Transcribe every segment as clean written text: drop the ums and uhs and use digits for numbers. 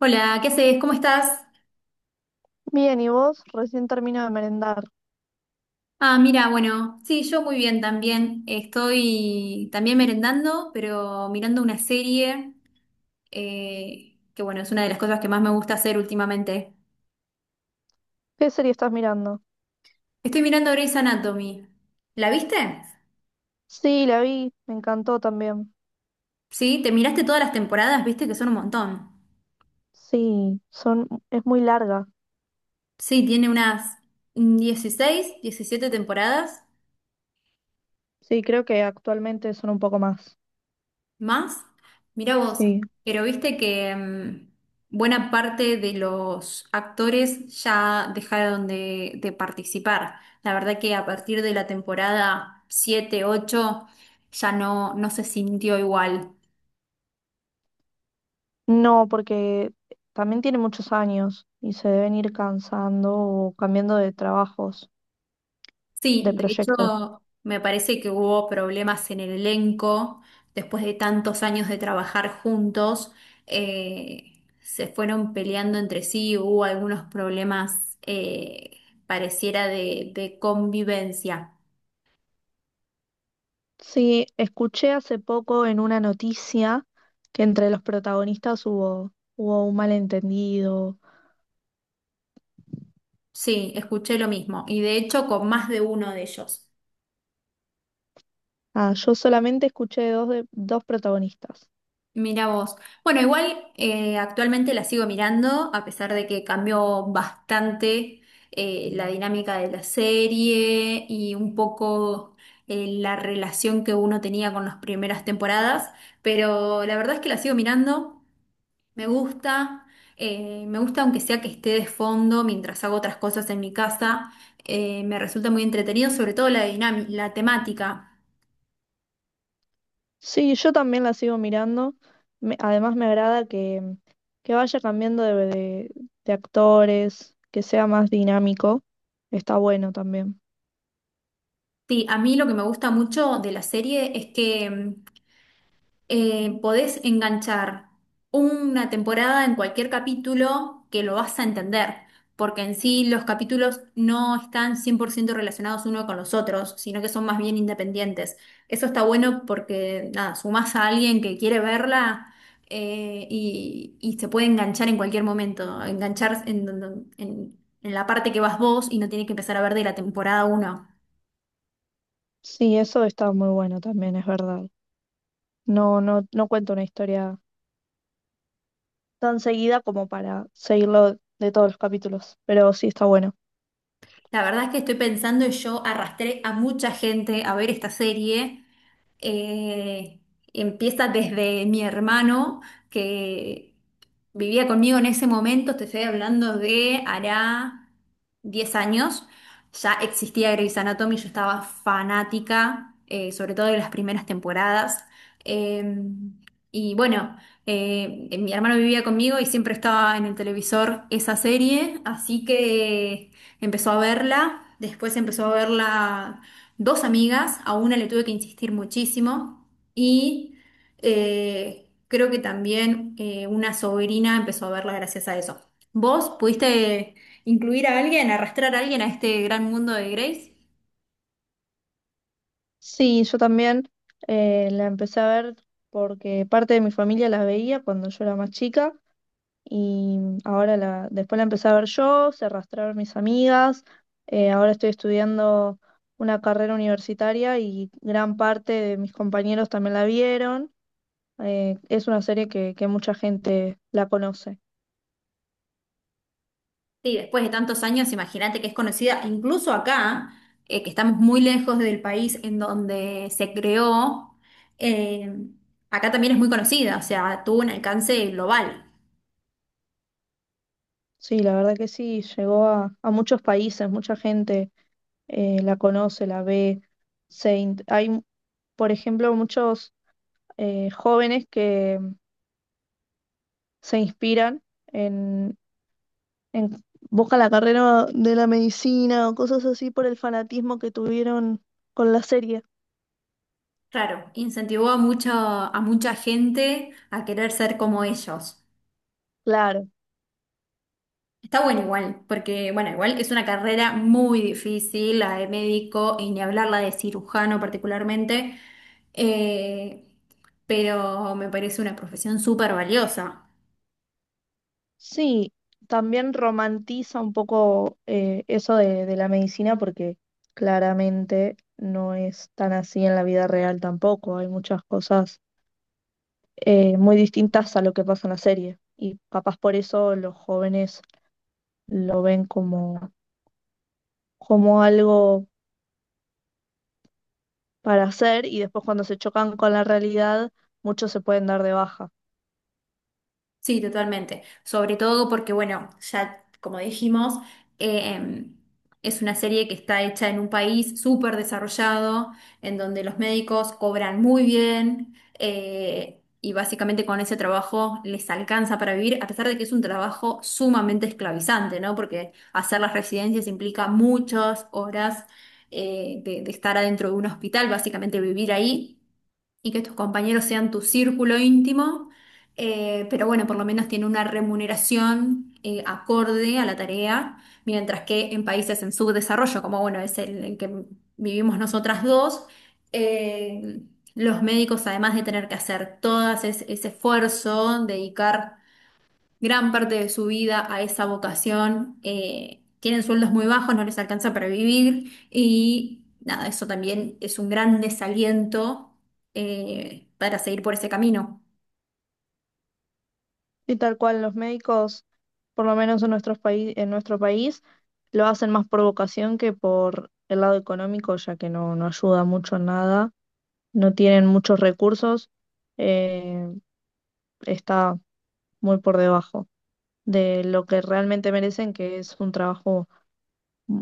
Hola, ¿qué haces? ¿Cómo estás? Bien, ¿y vos? Recién termino de merendar. Ah, mira, bueno, sí, yo muy bien también. Estoy también merendando, pero mirando una serie, que bueno, es una de las cosas que más me gusta hacer últimamente. ¿Qué serie estás mirando? Estoy mirando Grey's Anatomy. ¿La viste? Sí, la vi, me encantó también. Sí, te miraste todas las temporadas, viste que son un montón. Sí, son, es muy larga. Sí, tiene unas 16, 17 temporadas. Sí, creo que actualmente son un poco más. ¿Más? Mirá vos, Sí. pero viste que buena parte de los actores ya dejaron de participar. La verdad que a partir de la temporada 7, 8, ya no, no se sintió igual. No, porque también tiene muchos años y se deben ir cansando o cambiando de trabajos, de Sí, de proyectos. hecho, me parece que hubo problemas en el elenco. Después de tantos años de trabajar juntos, se fueron peleando entre sí, hubo algunos problemas, pareciera de convivencia. Sí, escuché hace poco en una noticia que entre los protagonistas hubo un malentendido. Sí, escuché lo mismo. Y de hecho, con más de uno de ellos. Ah, yo solamente escuché dos protagonistas. Mira vos. Bueno, igual actualmente la sigo mirando, a pesar de que cambió bastante la dinámica de la serie y un poco la relación que uno tenía con las primeras temporadas, pero la verdad es que la sigo mirando, me gusta, me gusta aunque sea que esté de fondo mientras hago otras cosas en mi casa, me resulta muy entretenido, sobre todo la la temática. Sí, yo también la sigo mirando. Me- además me agrada que vaya cambiando de de actores, que sea más dinámico. Está bueno también. Sí, a mí lo que me gusta mucho de la serie es que... podés enganchar una temporada en cualquier capítulo que lo vas a entender, porque en sí los capítulos no están 100% relacionados uno con los otros, sino que son más bien independientes. Eso está bueno porque, nada, sumás a alguien que quiere verla. Y se puede enganchar en cualquier momento, enganchar en la parte que vas vos y no tiene que empezar a ver de la temporada uno. Sí, eso está muy bueno también, es verdad. No, no cuento una historia tan seguida como para seguirlo de todos los capítulos, pero sí está bueno. La verdad es que estoy pensando y yo arrastré a mucha gente a ver esta serie, eh, empieza desde mi hermano que vivía conmigo en ese momento, te estoy hablando de hará 10 años, ya existía Grey's Anatomy, yo estaba fanática, sobre todo de las primeras temporadas. Eh, y bueno, Mi hermano vivía conmigo y siempre estaba en el televisor esa serie, así que empezó a verla, después empezó a verla dos amigas, a una le tuve que insistir muchísimo y creo que también una sobrina empezó a verla gracias a eso. ¿Vos pudiste incluir a alguien, arrastrar a alguien a este gran mundo de Grace? Sí, yo también la empecé a ver porque parte de mi familia la veía cuando yo era más chica. Y ahora la, después la empecé a ver yo, se arrastraron mis amigas, ahora estoy estudiando una carrera universitaria y gran parte de mis compañeros también la vieron. Es una serie que mucha gente la conoce. Sí, después de tantos años, imagínate que es conocida incluso acá, que estamos muy lejos del país en donde se creó. eh, Acá también es muy conocida, o sea, tuvo un alcance global. Sí, la verdad que sí, llegó a muchos países, mucha gente la conoce, la ve. Se in- hay, por ejemplo, muchos jóvenes que se inspiran en- buscan la carrera de la medicina o cosas así por el fanatismo que tuvieron con la serie. Claro, incentivó a mucho, a mucha gente a querer ser como ellos. Claro, Está bueno igual, porque bueno, igual es una carrera muy difícil, la de médico y ni hablar la de cirujano particularmente, eh, pero me parece una profesión súper valiosa. sí, también romantiza un poco eso de la medicina porque claramente no es tan así en la vida real tampoco. Hay muchas cosas muy distintas a lo que pasa en la serie y capaz por eso los jóvenes lo ven como, como algo para hacer y después cuando se chocan con la realidad, muchos se pueden dar de baja. Sí, totalmente. Sobre todo porque, bueno, ya como dijimos, eh, em, es una serie que está hecha en un país súper desarrollado, en donde los médicos cobran muy bien y básicamente con ese trabajo les alcanza para vivir, a pesar de que es un trabajo sumamente esclavizante, ¿no? Porque hacer las residencias implica muchas horas de estar adentro de un hospital, básicamente vivir ahí y que tus compañeros sean tu círculo íntimo, pero bueno, por lo menos tiene una remuneración acorde a la tarea, mientras que en países en subdesarrollo, como bueno, es el que vivimos nosotras dos, eh, los médicos, además de tener que hacer todo ese esfuerzo, dedicar gran parte de su vida a esa vocación. Tienen sueldos muy bajos, no les alcanza para vivir y nada, eso también es un gran desaliento para seguir por ese camino. Y tal cual los médicos, por lo menos en nuestros paí- en nuestro país, lo hacen más por vocación que por el lado económico, ya que no, no ayuda mucho en nada, no tienen muchos recursos, eh, está muy por debajo de lo que realmente merecen, que es un trabajo mm,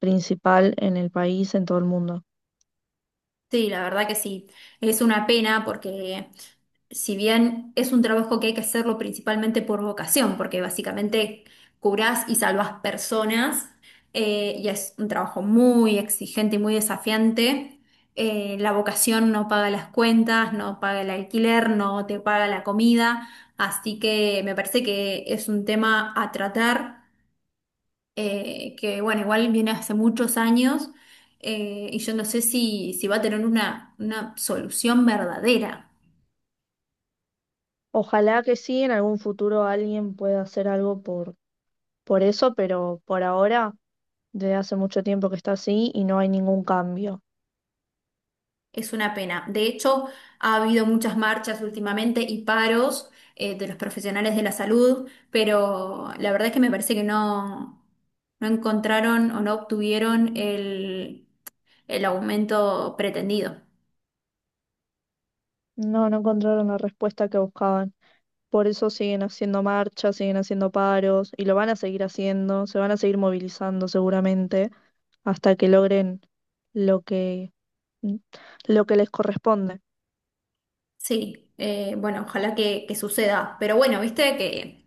principal en el país, en todo el mundo. Sí, la verdad que sí. Es una pena porque si bien es un trabajo que hay que hacerlo principalmente por vocación, porque básicamente curás y salvás personas, y es un trabajo muy exigente y muy desafiante, la vocación no paga las cuentas, no paga el alquiler, no te paga la comida, así que me parece que es un tema a tratar, que bueno, igual viene hace muchos años, y yo no sé si va a tener una solución verdadera. Ojalá que sí, en algún futuro alguien pueda hacer algo por eso, pero por ahora, desde hace mucho tiempo que está así y no hay ningún cambio. Es una pena. De hecho, ha habido muchas marchas últimamente y paros de los profesionales de la salud, pero la verdad es que me parece que no, no encontraron o no obtuvieron el aumento pretendido. No, no encontraron la respuesta que buscaban. Por eso siguen haciendo marchas, siguen haciendo paros y lo van a seguir haciendo, se van a seguir movilizando seguramente hasta que logren lo que mm, lo que les corresponde. Sí, bueno, ojalá que suceda. Pero bueno, viste que,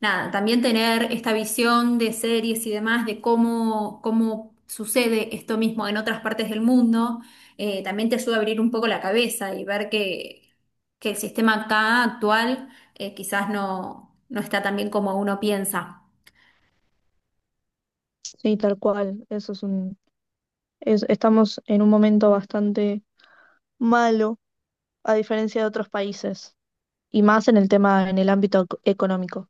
nada, también tener esta visión de series y demás, de cómo, cómo sucede esto mismo en otras partes del mundo, también te ayuda a abrir un poco la cabeza y ver que el sistema acá actual, quizás no, no está tan bien como uno piensa. Sí, tal cual. Eso es un es- estamos en un momento bastante malo a diferencia de otros países y más en el tema en el ámbito ec- económico.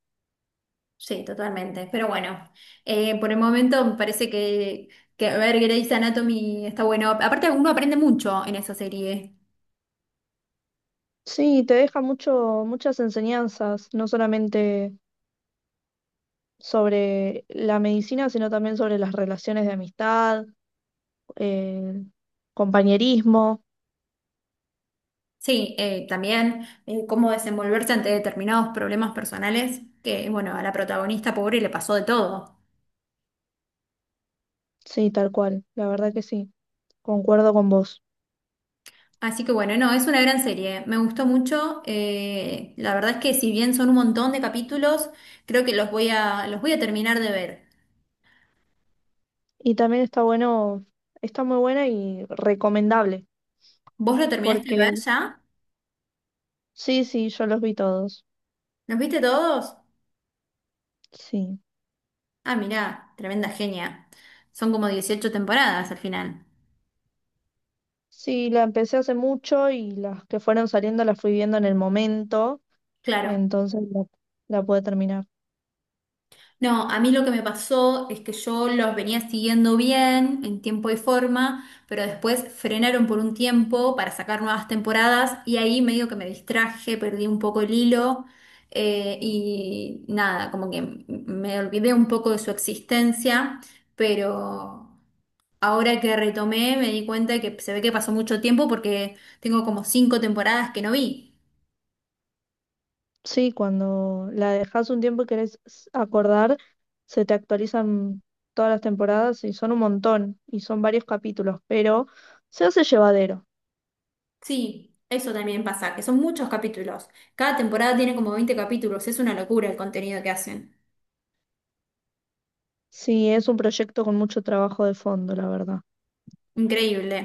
Sí, totalmente. Pero bueno, por el momento me parece que ver Grey's Anatomy está bueno. Aparte, uno aprende mucho en esa serie. Sí, te deja mucho muchas enseñanzas, no solamente sobre la medicina, sino también sobre las relaciones de amistad, eh, compañerismo. Sí, también cómo desenvolverse ante determinados problemas personales, que bueno, a la protagonista pobre le pasó de todo. Sí, tal cual, la verdad que sí, concuerdo con vos. Así que bueno, no, es una gran serie, me gustó mucho. La verdad es que si bien son un montón de capítulos, creo que los voy los voy a terminar de ver. Y también está bueno, está muy buena y recomendable, ¿Vos lo terminaste porque de ver ya? sí, sí, yo los vi todos. ¿Los viste todos? Sí. Ah, mirá, tremenda genia. Son como 18 temporadas al final. Sí, la empecé hace mucho y las que fueron saliendo las fui viendo en el momento, Claro. entonces la pude terminar. No, a mí lo que me pasó es que yo los venía siguiendo bien en tiempo y forma, pero después frenaron por un tiempo para sacar nuevas temporadas y ahí medio que me distraje, perdí un poco el hilo, y nada, como que me olvidé un poco de su existencia, pero ahora que retomé me di cuenta que se ve que pasó mucho tiempo porque tengo como 5 temporadas que no vi. Sí, cuando la dejas un tiempo y querés s- acordar, se te actualizan todas las temporadas y son un montón y son varios capítulos, pero se hace llevadero. Sí, eso también pasa, que son muchos capítulos. Cada temporada tiene como 20 capítulos, es una locura el contenido que hacen. Sí, es un proyecto con mucho trabajo de fondo, la verdad. Increíble.